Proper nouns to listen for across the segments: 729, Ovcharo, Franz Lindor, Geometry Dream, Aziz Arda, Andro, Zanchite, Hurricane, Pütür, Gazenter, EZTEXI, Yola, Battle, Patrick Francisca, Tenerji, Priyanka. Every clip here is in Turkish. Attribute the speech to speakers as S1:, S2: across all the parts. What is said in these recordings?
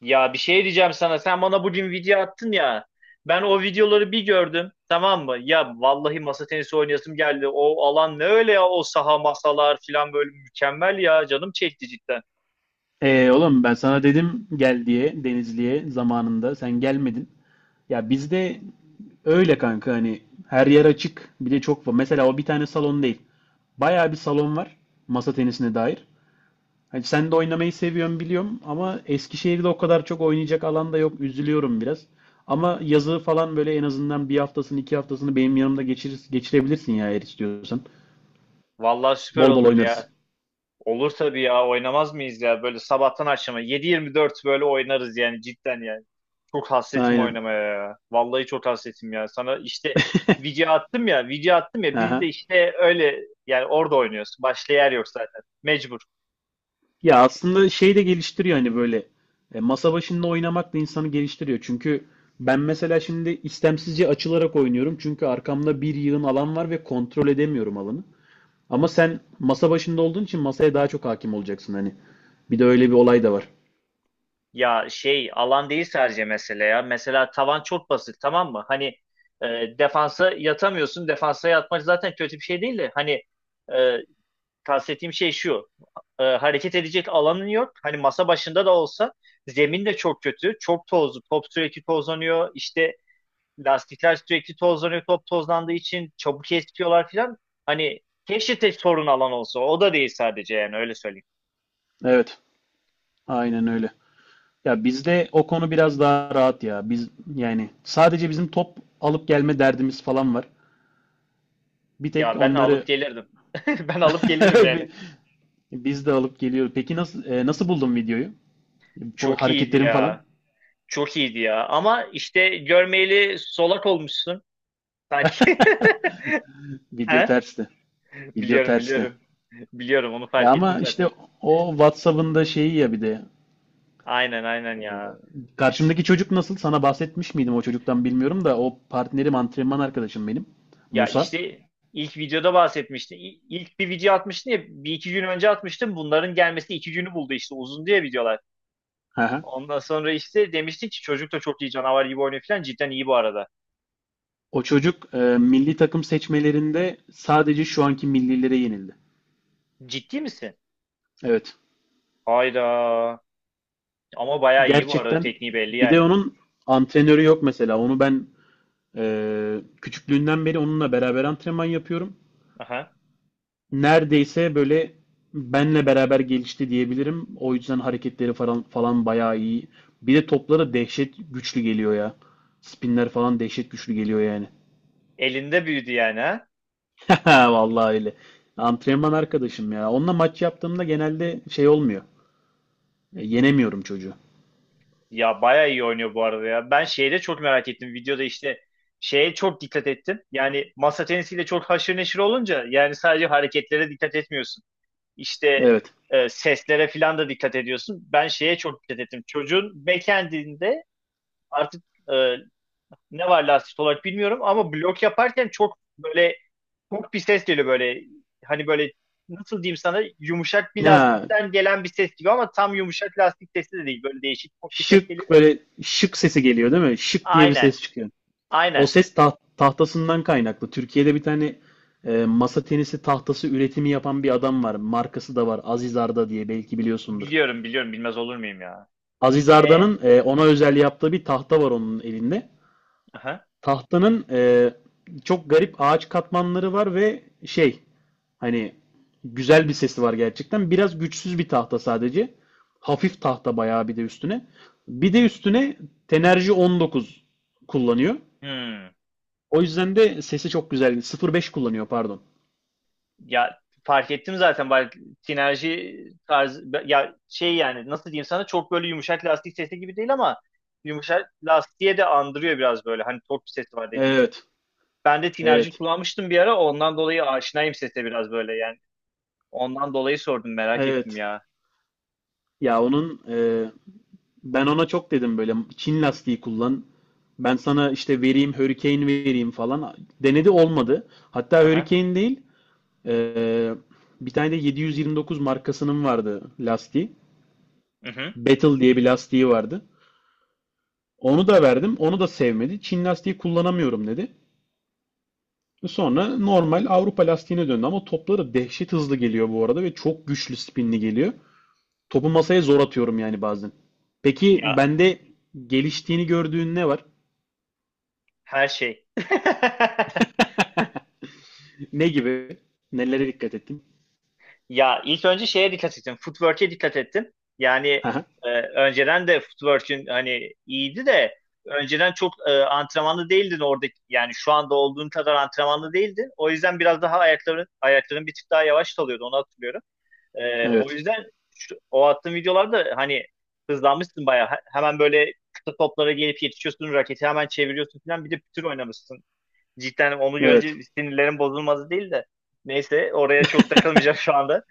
S1: Ya bir şey diyeceğim sana. Sen bana bugün video attın ya. Ben o videoları bir gördüm. Tamam mı? Ya vallahi masa tenisi oynayasım geldi. O alan ne öyle ya o saha masalar falan böyle mükemmel ya. Canım çekti cidden.
S2: Oğlum ben sana dedim gel diye Denizli'ye zamanında sen gelmedin. Ya bizde öyle kanka, hani her yer açık, bir de çok var. Mesela o bir tane salon değil. Bayağı bir salon var masa tenisine dair. Hani sen de oynamayı seviyorsun biliyorum ama Eskişehir'de o kadar çok oynayacak alan da yok. Üzülüyorum biraz. Ama yazı falan böyle en azından bir haftasını, iki haftasını benim yanımda geçirir, geçirebilirsin ya eğer istiyorsan.
S1: Vallahi süper
S2: Bol bol
S1: olur
S2: oynarız.
S1: ya. Olur tabii ya. Oynamaz mıyız ya? Böyle sabahtan akşama 7-24 böyle oynarız yani cidden yani. Çok hasretim
S2: Aynen.
S1: oynamaya ya. Vallahi çok hasretim ya. Sana işte video attım ya. Biz de
S2: Aha.
S1: işte öyle yani orada oynuyoruz. Başka yer yok zaten. Mecbur.
S2: Ya aslında şey de geliştiriyor hani, böyle masa başında oynamak da insanı geliştiriyor. Çünkü ben mesela şimdi istemsizce açılarak oynuyorum. Çünkü arkamda bir yığın alan var ve kontrol edemiyorum alanı. Ama sen masa başında olduğun için masaya daha çok hakim olacaksın hani. Bir de öyle bir olay da var.
S1: Ya şey alan değil sadece mesele ya. Mesela tavan çok basit tamam mı? Hani defansa yatamıyorsun. Defansa yatmak zaten kötü bir şey değil de. Hani e, kastettiğim şey şu. Hareket edecek alanın yok. Hani masa başında da olsa zemin de çok kötü. Çok tozlu. Top sürekli tozlanıyor. İşte lastikler sürekli tozlanıyor. Top tozlandığı için çabuk eskiyorlar filan. Hani keşke tek sorun alan olsa. O da değil sadece yani öyle söyleyeyim.
S2: Evet, aynen öyle. Ya bizde o konu biraz daha rahat ya. Biz yani sadece bizim top alıp gelme derdimiz falan var. Bir tek
S1: Ya ben alıp
S2: onları
S1: gelirdim. Ben alıp gelirim yani.
S2: bi- biz de alıp geliyoruz. Peki nasıl, nasıl buldun videoyu?
S1: Çok iyiydi
S2: Hareketlerim falan.
S1: ya. Çok iyiydi ya. Ama işte görmeyeli solak olmuşsun sanki.
S2: Video
S1: He?
S2: tersti. Video
S1: Biliyorum
S2: tersti.
S1: biliyorum. Biliyorum onu
S2: Ya
S1: fark ettim
S2: ama işte
S1: zaten.
S2: o WhatsApp'ın da şeyi ya bir de.
S1: Aynen ya.
S2: Karşımdaki çocuk nasıl? Sana bahsetmiş miydim o çocuktan bilmiyorum da o partnerim, antrenman arkadaşım benim.
S1: Ya
S2: Musa.
S1: işte ilk videoda bahsetmiştin. İlk bir video atmıştın ya bir iki gün önce atmıştım. Bunların gelmesi iki günü buldu işte uzun diye videolar.
S2: Hı.
S1: Ondan sonra işte demiştin ki çocuk da çok iyi canavar gibi oynuyor falan. Cidden iyi bu arada.
S2: O çocuk milli takım seçmelerinde sadece şu anki millilere yenildi.
S1: Ciddi misin?
S2: Evet.
S1: Hayda. Ama bayağı iyi bu arada
S2: Gerçekten
S1: tekniği belli
S2: bir de
S1: yani.
S2: onun antrenörü yok mesela. Onu ben e, küçüklüğünden beri onunla beraber antrenman yapıyorum.
S1: Aha.
S2: Neredeyse böyle benle beraber gelişti diyebilirim. O yüzden hareketleri falan falan bayağı iyi. Bir de topları dehşet güçlü geliyor ya. Spinler falan dehşet güçlü geliyor yani.
S1: Elinde büyüdü yani.
S2: Vallahi öyle. Antrenman arkadaşım ya. Onunla maç yaptığımda genelde şey olmuyor. Yenemiyorum çocuğu.
S1: Ya bayağı iyi oynuyor bu arada ya. Ben şeyde çok merak ettim. Videoda işte şeye çok dikkat ettim. Yani masa tenisiyle çok haşır neşir olunca yani sadece hareketlere dikkat etmiyorsun. İşte
S2: Evet.
S1: seslere falan da dikkat ediyorsun. Ben şeye çok dikkat ettim. Çocuğun backhand'inde artık e, ne var lastik olarak bilmiyorum ama blok yaparken çok böyle çok bir ses geliyor böyle. Hani böyle nasıl diyeyim sana yumuşak bir
S2: Ya
S1: lastikten gelen bir ses gibi ama tam yumuşak lastik sesi de değil. Böyle değişik çok bir ses
S2: şık,
S1: geliyor.
S2: böyle şık sesi geliyor değil mi? Şık diye bir
S1: Aynen.
S2: ses çıkıyor. O
S1: Aynen.
S2: ses tahtasından kaynaklı. Türkiye'de bir tane masa tenisi tahtası üretimi yapan bir adam var. Markası da var. Aziz Arda diye, belki biliyorsundur.
S1: Biliyorum, bilmez olur muyum ya.
S2: Aziz
S1: E?
S2: Arda'nın ona özel yaptığı bir tahta var onun elinde.
S1: Aha.
S2: Tahtanın çok garip ağaç katmanları var ve şey, hani güzel bir sesi var gerçekten. Biraz güçsüz bir tahta sadece. Hafif tahta bayağı, bir de üstüne. Bir de üstüne Tenerji 19 kullanıyor.
S1: Hmm.
S2: O yüzden de sesi çok güzel. 0,5 kullanıyor, pardon.
S1: Ya fark ettim zaten bak sinerji tarzı ya şey yani nasıl diyeyim sana çok böyle yumuşak lastik sesi gibi değil ama yumuşak lastiğe de andırıyor biraz böyle hani torp sesi var dediğim gibi.
S2: Evet.
S1: Ben de tinerci
S2: Evet.
S1: kullanmıştım bir ara ondan dolayı aşinayım sese biraz böyle yani. Ondan dolayı sordum merak ettim
S2: Evet.
S1: ya.
S2: Ya onun ben ona çok dedim böyle, Çin lastiği kullan. Ben sana işte vereyim, Hurricane vereyim falan. Denedi, olmadı. Hatta
S1: Aha.
S2: Hurricane değil, e, bir tane de 729 markasının vardı lastiği.
S1: Hı hı.
S2: Battle diye bir lastiği vardı. Onu da verdim. Onu da sevmedi. Çin lastiği kullanamıyorum dedi. Sonra normal Avrupa lastiğine döndü ama topları dehşet hızlı geliyor bu arada ve çok güçlü spinli geliyor. Topu masaya zor atıyorum yani bazen. Peki
S1: Ya
S2: bende geliştiğini gördüğün ne var?
S1: her şey.
S2: Ne gibi? Nelere dikkat ettin?
S1: Ya ilk önce şeye dikkat ettim, footwork'e dikkat ettim. Yani
S2: Aha,
S1: önceden de footwork'ün hani iyiydi de önceden çok antrenmanlı değildin orada. Yani şu anda olduğun kadar antrenmanlı değildin. O yüzden biraz daha ayakların bir tık daha yavaş kalıyordu. Onu hatırlıyorum. E, o
S2: evet.
S1: yüzden o attığın videolarda hani hızlanmışsın bayağı. Hemen böyle kısa toplara gelip yetişiyorsun. Raketi hemen çeviriyorsun falan. Bir de pütür oynamışsın. Cidden onu görünce
S2: Evet.
S1: sinirlerin bozulmadı değil de. Neyse oraya çok takılmayacağım şu anda.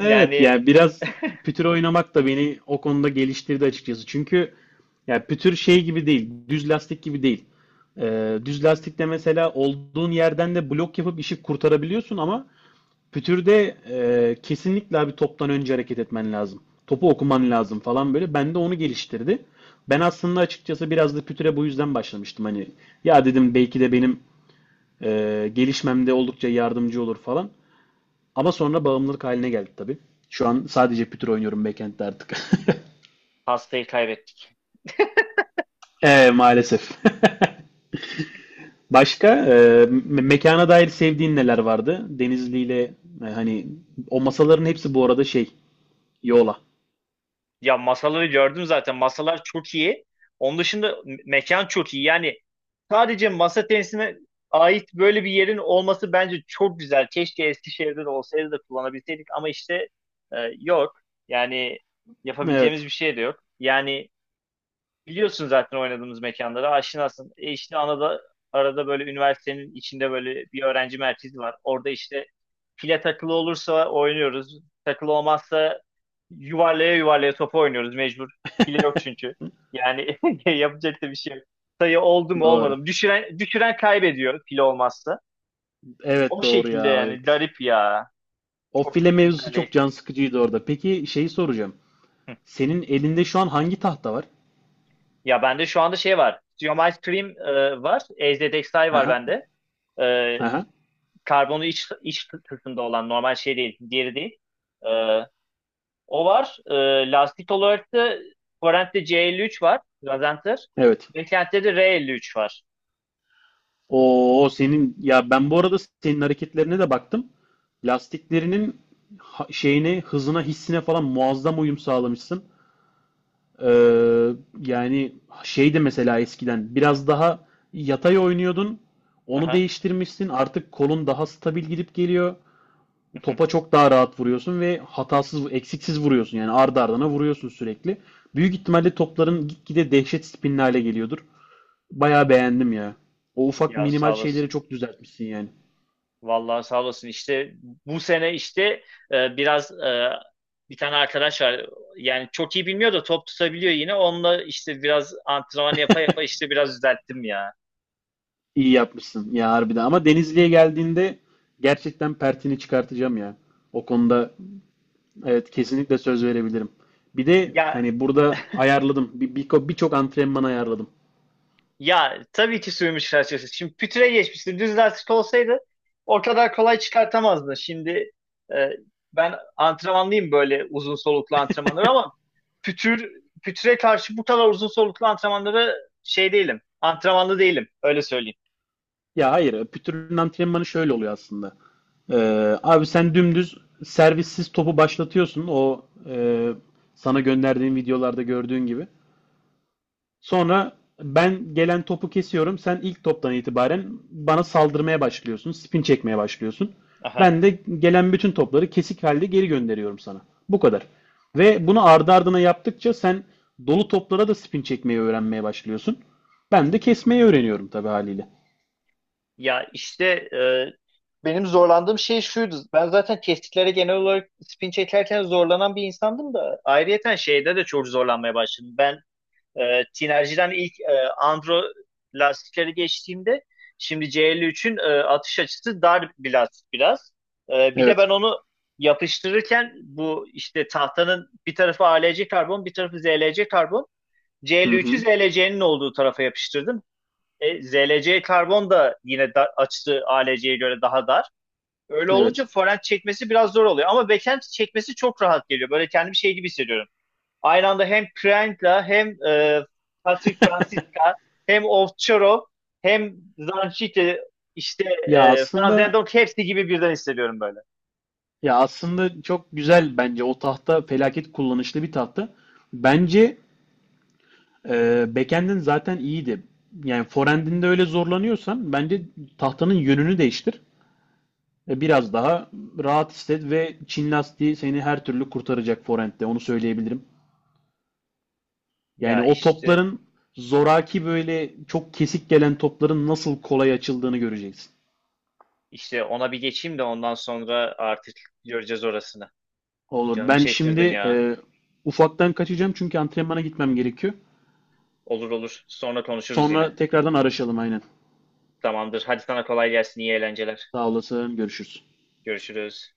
S2: Evet
S1: Yani
S2: yani biraz pütür oynamak da beni o konuda geliştirdi açıkçası. Çünkü yani pütür şey gibi değil, düz lastik gibi değil. Düz lastikte mesela olduğun yerden de blok yapıp işi kurtarabiliyorsun ama Pütür'de kesinlikle abi toptan önce hareket etmen lazım. Topu okuman lazım falan böyle. Ben de onu geliştirdi. Ben aslında açıkçası biraz da Pütür'e bu yüzden başlamıştım. Hani ya dedim, belki de benim gelişmemde oldukça yardımcı olur falan. Ama sonra bağımlılık haline geldi tabii. Şu an sadece Pütür oynuyorum backend'de artık.
S1: hastayı kaybettik.
S2: Maalesef. Başka mekana dair sevdiğin neler vardı? Denizli ile hani o masaların hepsi bu arada şey, Yola.
S1: Ya masaları gördüm zaten. Masalar çok iyi. Onun dışında mekan çok iyi. Yani sadece masa tenisine ait böyle bir yerin olması bence çok güzel. Keşke Eskişehir'de de olsaydı da kullanabilseydik ama işte yok. Yani yapabileceğimiz
S2: Evet,
S1: bir şey de yok. Yani biliyorsun zaten oynadığımız mekanları aşinasın. E işte arada böyle üniversitenin içinde böyle bir öğrenci merkezi var. Orada işte file takılı olursa oynuyoruz. Takılı olmazsa yuvarlaya yuvarlaya topu oynuyoruz mecbur. File yok çünkü. Yani yapacak da bir şey yok. Sayı oldu mu olmadı
S2: doğru.
S1: mı? Düşüren kaybediyor file olmazsa. O
S2: Evet doğru
S1: şekilde
S2: ya,
S1: yani
S2: evet.
S1: garip ya.
S2: O
S1: Çok
S2: file mevzusu
S1: güzel değil.
S2: çok can sıkıcıydı orada. Peki şeyi soracağım.
S1: Hı.
S2: Senin elinde şu an hangi tahta var?
S1: Ya bende şu anda şey var. Geometry Dream var. EZTEXI var
S2: Aha,
S1: bende. E,
S2: aha.
S1: karbonu iç kısmında olan normal şey değil, diğeri değil. Ee, O var. Lastik olarak da Forent'te C53 var. Gazenter.
S2: Evet.
S1: Beklenti'de de R53 var.
S2: O senin, ya ben bu arada senin hareketlerine de baktım. Lastiklerinin şeyine, hızına, hissine falan muazzam uyum sağlamışsın. Ee, Yani şey de mesela eskiden biraz daha yatay oynuyordun. Onu
S1: Aha.
S2: değiştirmişsin. Artık kolun daha stabil gidip geliyor. Topa çok daha rahat vuruyorsun ve hatasız, eksiksiz vuruyorsun. Yani ardı ardına vuruyorsun sürekli. Büyük ihtimalle topların gitgide dehşet spinli hale geliyordur. Bayağı beğendim ya. O ufak
S1: Ya sağ
S2: minimal şeyleri
S1: olasın.
S2: çok düzeltmişsin yani.
S1: Vallahi sağ olasın. İşte bu sene işte biraz bir tane arkadaş var. Yani çok iyi bilmiyor da top tutabiliyor yine. Onunla işte biraz antrenman yapa yapa işte biraz düzelttim ya.
S2: İyi yapmışsın ya, harbiden. Ama Denizli'ye geldiğinde gerçekten pertini çıkartacağım ya. O konuda evet, kesinlikle söz verebilirim. Bir de
S1: Ya
S2: hani burada ayarladım. Birçok antrenman ayarladım.
S1: Ya tabii ki sürmüş felsefesi. Şimdi pütüre geçmişti. Düz lastik olsaydı o kadar kolay çıkartamazdı. Şimdi e, ben antrenmanlıyım böyle uzun soluklu antrenmanları ama pütür pütüre karşı bu kadar uzun soluklu antrenmanlara şey değilim. Antrenmanlı değilim. Öyle söyleyeyim.
S2: Ya hayır, pütürün antrenmanı şöyle oluyor aslında. Abi sen dümdüz servissiz topu başlatıyorsun, o sana gönderdiğim videolarda gördüğün gibi. Sonra ben gelen topu kesiyorum. Sen ilk toptan itibaren bana saldırmaya başlıyorsun, spin çekmeye başlıyorsun.
S1: Aha.
S2: Ben de gelen bütün topları kesik halde geri gönderiyorum sana. Bu kadar. Ve bunu ardı ardına yaptıkça sen dolu toplara da spin çekmeyi öğrenmeye başlıyorsun. Ben de kesmeyi öğreniyorum tabii haliyle.
S1: Ya işte e, benim zorlandığım şey şuydu. Ben zaten kestiklere genel olarak spin çekerken zorlanan bir insandım da ayrıyeten şeyde de çok zorlanmaya başladım. Ben Tinerji'den ilk Andro lastikleri geçtiğimde şimdi C53'ün atış açısı dar bir lastik biraz. E, bir de ben
S2: Evet.
S1: onu yapıştırırken bu işte tahtanın bir tarafı ALC karbon bir tarafı ZLC karbon.
S2: Hı
S1: C53'ü
S2: hı.
S1: ZLC'nin olduğu tarafa yapıştırdım. E, ZLC karbon da yine açtığı ALC'ye göre daha dar. Öyle olunca
S2: Evet.
S1: forend çekmesi biraz zor oluyor. Ama backend çekmesi çok rahat geliyor. Böyle kendimi şey gibi hissediyorum. Aynı anda hem Priyanka hem Patrick Francisca hem Ovcharo hem Zanchite işte
S2: Ya
S1: Franz
S2: aslında
S1: Lindor hepsi gibi birden hissediyorum böyle.
S2: Ya aslında çok güzel, bence o tahta felaket kullanışlı bir tahta. Bence backend'in zaten iyiydi. Yani forend'inde öyle zorlanıyorsan bence tahtanın yönünü değiştir. Biraz daha rahat hisset ve Çin lastiği seni her türlü kurtaracak forend'de, onu söyleyebilirim. Yani
S1: Ya
S2: o
S1: işte
S2: topların, zoraki böyle çok kesik gelen topların nasıl kolay açıldığını göreceksin.
S1: işte ona bir geçeyim de ondan sonra artık göreceğiz orasını.
S2: Olur.
S1: Canımı
S2: Ben
S1: çektirdin
S2: şimdi
S1: ya.
S2: ufaktan kaçacağım çünkü antrenmana gitmem gerekiyor.
S1: Olur. Sonra konuşuruz
S2: Sonra
S1: yine.
S2: tekrardan araşalım, aynen.
S1: Tamamdır. Hadi sana kolay gelsin. İyi eğlenceler.
S2: Sağ olasın. Görüşürüz.
S1: Görüşürüz.